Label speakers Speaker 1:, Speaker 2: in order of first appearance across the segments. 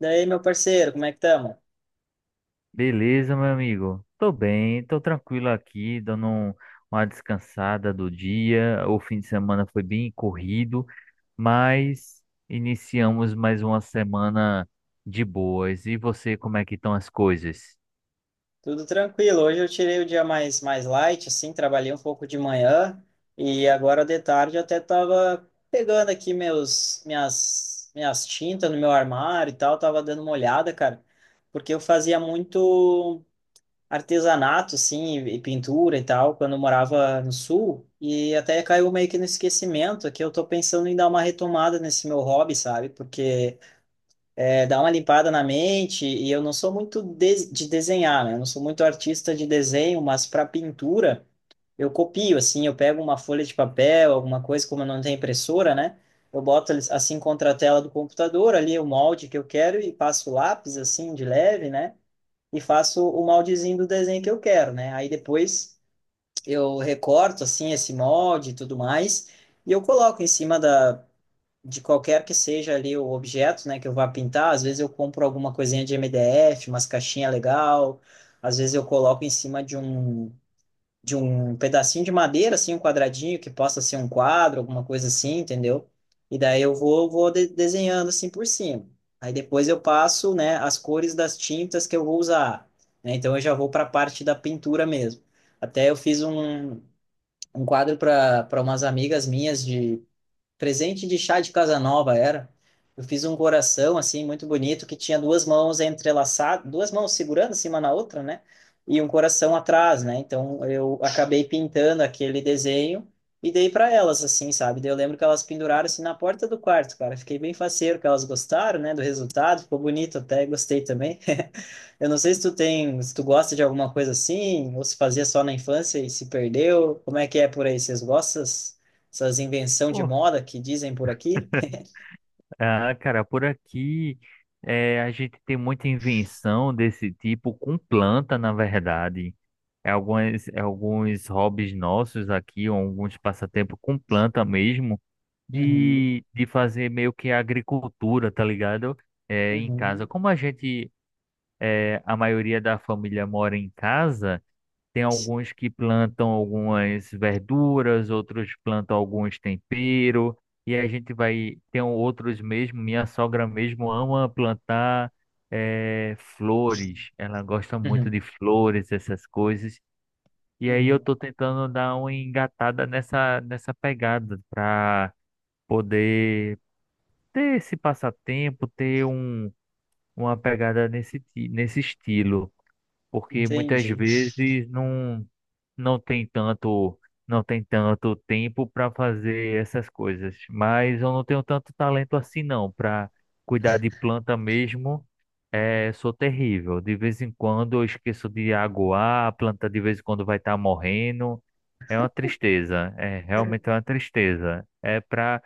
Speaker 1: Daí, meu parceiro, como é que estamos?
Speaker 2: Beleza, meu amigo. Tô bem, tô tranquilo aqui, dando uma descansada do dia. O fim de semana foi bem corrido, mas iniciamos mais uma semana de boas. E você, como é que estão as coisas?
Speaker 1: Tudo tranquilo. Hoje eu tirei o dia mais light, assim, trabalhei um pouco de manhã e agora de tarde eu até tava pegando aqui minhas tintas no meu armário e tal, tava dando uma olhada, cara, porque eu fazia muito artesanato, assim, e pintura e tal, quando eu morava no sul e até caiu meio que no esquecimento, que eu tô pensando em dar uma retomada nesse meu hobby, sabe? Porque dá uma limpada na mente, e eu não sou muito de desenhar, né? Eu não sou muito artista de desenho, mas para pintura eu copio, assim, eu pego uma folha de papel, alguma coisa, como eu não tenho impressora, né? Eu boto eles, assim contra a tela do computador, ali o molde que eu quero e passo o lápis, assim, de leve, né? E faço o moldezinho do desenho que eu quero, né? Aí depois eu recorto, assim, esse molde e tudo mais, e eu coloco em cima da de qualquer que seja ali o objeto, né, que eu vá pintar. Às vezes eu compro alguma coisinha de MDF, umas caixinhas legal, às vezes eu coloco em cima de um pedacinho de madeira, assim, um quadradinho que possa ser um quadro, alguma coisa assim, entendeu? E daí eu vou desenhando assim por cima. Aí depois eu passo, né, as cores das tintas que eu vou usar, né? Então eu já vou para a parte da pintura mesmo. Até eu fiz um quadro para umas amigas minhas de presente de chá de Casanova era. Eu fiz um coração assim muito bonito que tinha duas mãos entrelaçadas, duas mãos segurando assim uma na outra, né? E um coração atrás, né? Então eu acabei pintando aquele desenho e dei para elas assim, sabe? Daí eu lembro que elas penduraram assim na porta do quarto, cara. Fiquei bem faceiro que elas gostaram, né, do resultado, ficou bonito até, gostei também. Eu não sei se tu tem, se tu gosta de alguma coisa assim, ou se fazia só na infância e se perdeu. Como é que é por aí? Vocês gostam dessas invenção de
Speaker 2: Pô,
Speaker 1: moda que dizem por aqui?
Speaker 2: ah, cara, por aqui a gente tem muita invenção desse tipo com planta, na verdade. É alguns hobbies nossos aqui, ou alguns passatempos com planta mesmo,
Speaker 1: Uhum,
Speaker 2: de fazer meio que agricultura, tá ligado? É, em casa.
Speaker 1: uhum,
Speaker 2: Como a gente, a maioria da família mora em casa, tem alguns que plantam algumas verduras, outros plantam alguns tempero, e a gente vai, tem outros mesmo, minha sogra mesmo ama plantar, flores, ela gosta muito
Speaker 1: uhum,
Speaker 2: de flores, essas coisas. E aí eu
Speaker 1: uhum.
Speaker 2: tô tentando dar uma engatada nessa pegada para poder ter esse passatempo, ter uma pegada nesse estilo, porque muitas
Speaker 1: Entendi.
Speaker 2: vezes não, não tem tanto, não tem tanto tempo para fazer essas coisas, mas eu não tenho tanto talento assim não, para cuidar de planta mesmo. É, sou terrível. De vez em quando eu esqueço de aguar, a planta de vez em quando vai estar morrendo. É uma tristeza, é realmente uma tristeza.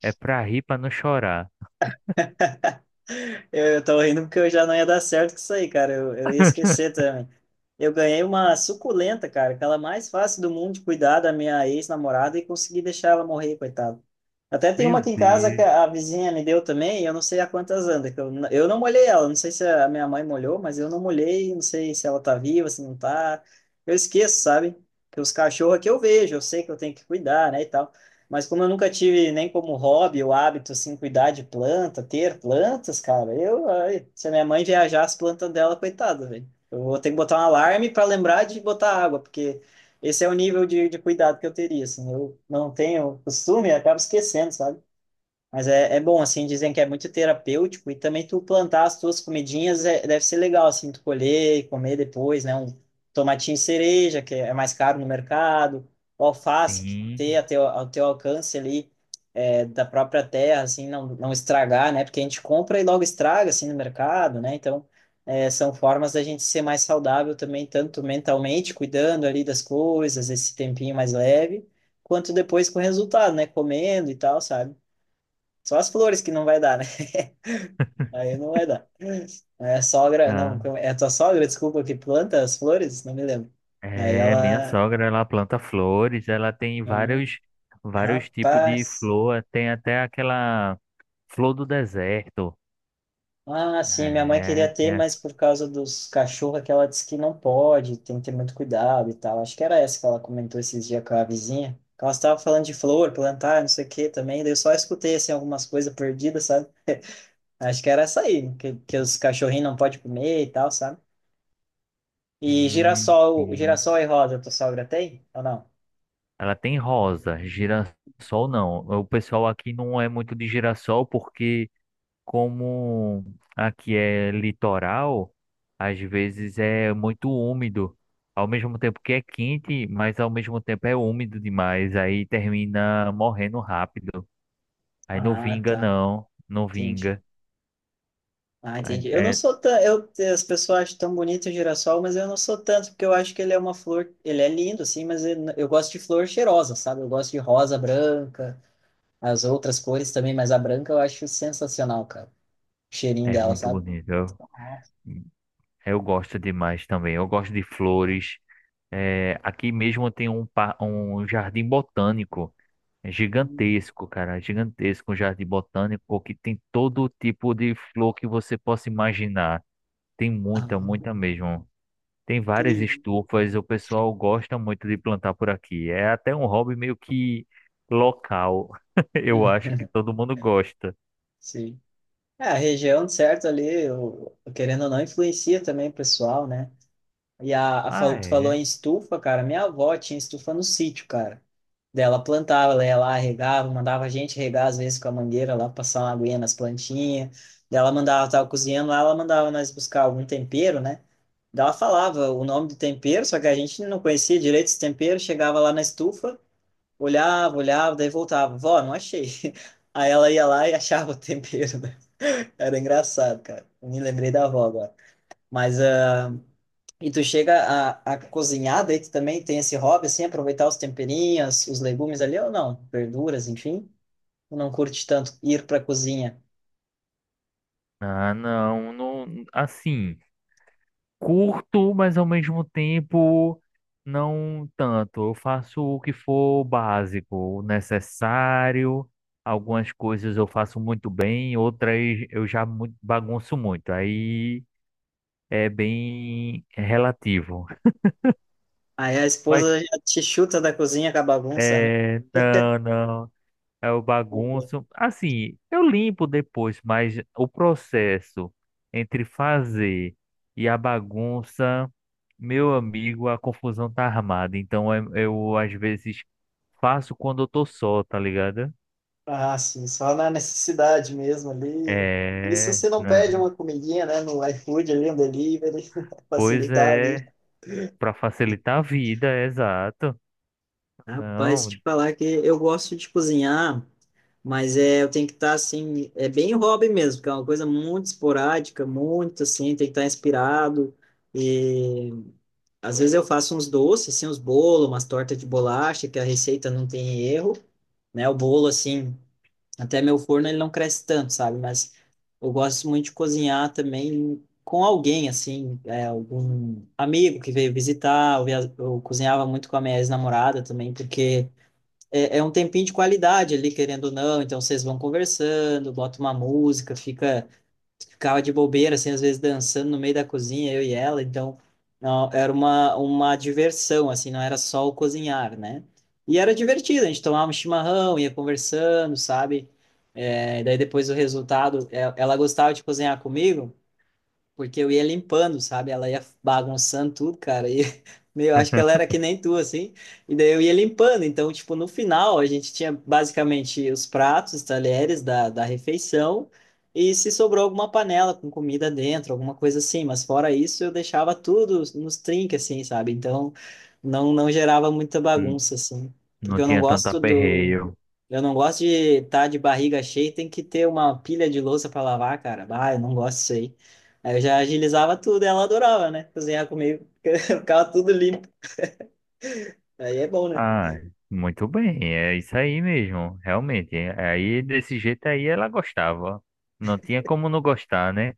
Speaker 2: É pra rir, pra não chorar.
Speaker 1: Eu tô rindo porque eu já não ia dar certo com isso aí, cara. Eu ia esquecer também. Eu ganhei uma suculenta, cara, aquela mais fácil do mundo de cuidar da minha ex-namorada e consegui deixar ela morrer, coitado. Até tem uma
Speaker 2: Meu
Speaker 1: aqui em casa que
Speaker 2: Deus.
Speaker 1: a vizinha me deu também, e eu não sei há quantas anda, que eu não molhei ela, não sei se a minha mãe molhou, mas eu não molhei, não sei se ela tá viva, se não tá. Eu esqueço, sabe? Que os cachorros é que eu vejo, eu sei que eu tenho que cuidar, né, e tal. Mas como eu nunca tive nem como hobby o hábito, assim, cuidar de planta, ter plantas, cara, eu, ai, se a minha mãe viajar as plantas dela, coitada, velho. Eu vou ter que botar um alarme para lembrar de botar água, porque esse é o nível de cuidado que eu teria, assim. Eu não tenho costume, eu acabo esquecendo, sabe? Mas é bom, assim, dizem que é muito terapêutico e também tu plantar as tuas comidinhas é, deve ser legal, assim, tu colher e comer depois, né? Um tomatinho cereja, que é mais caro no mercado, o alface, que ter
Speaker 2: Sim,
Speaker 1: a teu, ao teu alcance ali é, da própria terra, assim, não estragar, né? Porque a gente compra e logo estraga, assim, no mercado, né? Então, é, são formas da gente ser mais saudável também, tanto mentalmente, cuidando ali das coisas, esse tempinho mais leve, quanto depois com o resultado, né? Comendo e tal, sabe? Só as flores que não vai dar, né? Aí não vai dar. É a sogra, não,
Speaker 2: ah,
Speaker 1: é a tua sogra, desculpa, que planta as flores? Não me lembro. Aí
Speaker 2: minha
Speaker 1: ela,
Speaker 2: sogra, ela planta flores, ela tem
Speaker 1: "Hum,
Speaker 2: vários, vários tipos de
Speaker 1: rapaz,
Speaker 2: flor, tem até aquela flor do deserto,
Speaker 1: ah, sim, minha mãe
Speaker 2: é,
Speaker 1: queria ter,
Speaker 2: tem
Speaker 1: mas
Speaker 2: a-
Speaker 1: por causa dos cachorros que ela disse que não pode, tem que ter muito cuidado e tal. Acho que era essa que ela comentou esses dias com a vizinha. Que ela estava falando de flor, plantar, não sei o que também, daí eu só escutei, assim, algumas coisas perdidas, sabe? Acho que era essa aí, que os cachorrinhos não podem comer e tal, sabe? E girassol,
Speaker 2: sim.
Speaker 1: girassol e rosa, tua sogra tem ou não?
Speaker 2: Ela tem rosa, girassol não, o pessoal aqui não é muito de girassol porque, como aqui é litoral, às vezes é muito úmido. Ao mesmo tempo que é quente, mas ao mesmo tempo é úmido demais. Aí termina morrendo rápido. Aí não
Speaker 1: Ah,
Speaker 2: vinga,
Speaker 1: tá.
Speaker 2: não. Não
Speaker 1: Entendi.
Speaker 2: vinga.
Speaker 1: Ah,
Speaker 2: Aí
Speaker 1: entendi. Eu não
Speaker 2: É,
Speaker 1: sou tão, eu, as pessoas acham tão bonito o girassol, mas eu não sou tanto, porque eu acho que ele é uma flor, ele é lindo, assim, mas eu gosto de flor cheirosa, sabe? Eu gosto de rosa, branca, as outras cores também, mas a branca eu acho sensacional, cara. O cheirinho
Speaker 2: é
Speaker 1: dela,
Speaker 2: muito
Speaker 1: sabe?
Speaker 2: bonito. Eu,
Speaker 1: Nossa.
Speaker 2: eu gosto demais também. Eu gosto de flores. É, aqui mesmo tem um jardim botânico. É gigantesco, cara, é gigantesco, um jardim botânico que tem todo tipo de flor que você possa imaginar. Tem muita,
Speaker 1: Ah,
Speaker 2: muita mesmo. Tem várias
Speaker 1: entendi.
Speaker 2: estufas, o pessoal gosta muito de plantar por aqui. É até um hobby meio que local. Eu
Speaker 1: Hum,
Speaker 2: acho que todo mundo gosta.
Speaker 1: Sim. É, a região, certo, ali, eu, querendo ou não, influencia também o pessoal, né? E
Speaker 2: Ah,
Speaker 1: tu falou
Speaker 2: é?
Speaker 1: em estufa, cara. Minha avó tinha estufa no sítio, cara. Dela plantava, ela ia lá, regava, mandava a gente regar às vezes com a mangueira lá, passar uma aguinha nas plantinhas. Dela mandava, tava cozinhando lá, ela mandava nós buscar algum tempero, né? Daí ela falava o nome do tempero, só que a gente não conhecia direito esse tempero. Chegava lá na estufa, olhava, olhava, daí voltava. Vó, não achei. Aí ela ia lá e achava o tempero, né? Era engraçado, cara. Me lembrei da avó agora. Mas, ah, e tu chega a cozinhar, daí tu também tem esse hobby, assim, aproveitar os temperinhos, os legumes ali, ou não? Verduras, enfim. Tu não curte tanto ir pra cozinha.
Speaker 2: Ah, não, não, assim, curto, mas ao mesmo tempo não tanto. Eu faço o que for básico, o necessário. Algumas coisas eu faço muito bem, outras eu bagunço muito. Aí é bem relativo.
Speaker 1: Aí a
Speaker 2: Mas
Speaker 1: esposa já te chuta da cozinha com a bagunça, né?
Speaker 2: é, não, não. É o
Speaker 1: Não dá.
Speaker 2: bagunço. Assim, eu limpo depois, mas o processo entre fazer e a bagunça, meu amigo, a confusão tá armada. Então eu às vezes faço quando eu tô só, tá ligado?
Speaker 1: Ah, sim, só na necessidade mesmo ali. Isso
Speaker 2: É,
Speaker 1: se não pede
Speaker 2: né?
Speaker 1: uma comidinha, né, no iFood ali, um delivery,
Speaker 2: Pois
Speaker 1: facilitar a vida.
Speaker 2: é, pra facilitar a vida, exato.
Speaker 1: Rapaz,
Speaker 2: Não,
Speaker 1: te falar que eu gosto de cozinhar. Mas é, eu tenho que estar assim, é bem hobby mesmo, porque é uma coisa muito esporádica, muito assim, tem que estar inspirado. E às vezes eu faço uns doces, assim, uns bolos, umas tortas de bolacha, que a receita não tem erro, né? O bolo, assim, até meu forno ele não cresce tanto, sabe? Mas eu gosto muito de cozinhar também com alguém, assim, é, algum amigo que veio visitar. Eu cozinhava muito com a minha ex-namorada também, porque é um tempinho de qualidade ali, querendo ou não. Então vocês vão conversando, bota uma música, ficava de bobeira, assim, às vezes dançando no meio da cozinha, eu e ela. Então não, era uma diversão, assim, não era só o cozinhar, né? E era divertido, a gente tomava um chimarrão, ia conversando, sabe? É, daí depois o resultado, é, ela gostava de cozinhar comigo. Porque eu ia limpando, sabe? Ela ia bagunçando tudo, cara. E meu, acho que ela era que nem tu, assim. E daí eu ia limpando. Então, tipo, no final, a gente tinha basicamente os pratos, os talheres da refeição. E se sobrou alguma panela com comida dentro, alguma coisa assim. Mas fora isso, eu deixava tudo nos trinques, assim, sabe? Então, não gerava muita
Speaker 2: n-
Speaker 1: bagunça, assim. Porque
Speaker 2: não
Speaker 1: eu não
Speaker 2: tinha tanto
Speaker 1: gosto do.
Speaker 2: aperreio.
Speaker 1: Eu não gosto de estar de barriga cheia e tem que ter uma pilha de louça para lavar, cara. Ah, eu não gosto disso aí. Aí eu já agilizava tudo, ela adorava, né? Cozinhar comigo, ficava tudo limpo. Aí é bom, né?
Speaker 2: Ah, muito bem, é isso aí mesmo, realmente. Aí desse jeito aí ela gostava. Não tinha como não gostar, né?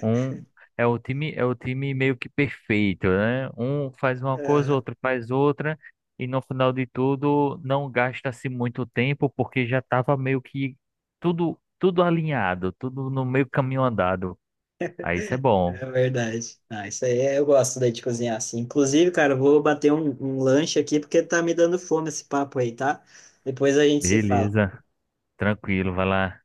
Speaker 2: Um é o time meio que perfeito, né? Um faz uma coisa,
Speaker 1: É
Speaker 2: outro faz outra, e no final de tudo não gasta-se muito tempo porque já estava meio que tudo alinhado, tudo no meio caminho andado. Aí isso é bom.
Speaker 1: é verdade. Ah, isso aí é- eu gosto daí de cozinhar assim. Inclusive, cara, eu vou bater um lanche aqui porque tá me dando fome esse papo aí, tá? Depois a gente se fala.
Speaker 2: Beleza, tranquilo, vai lá.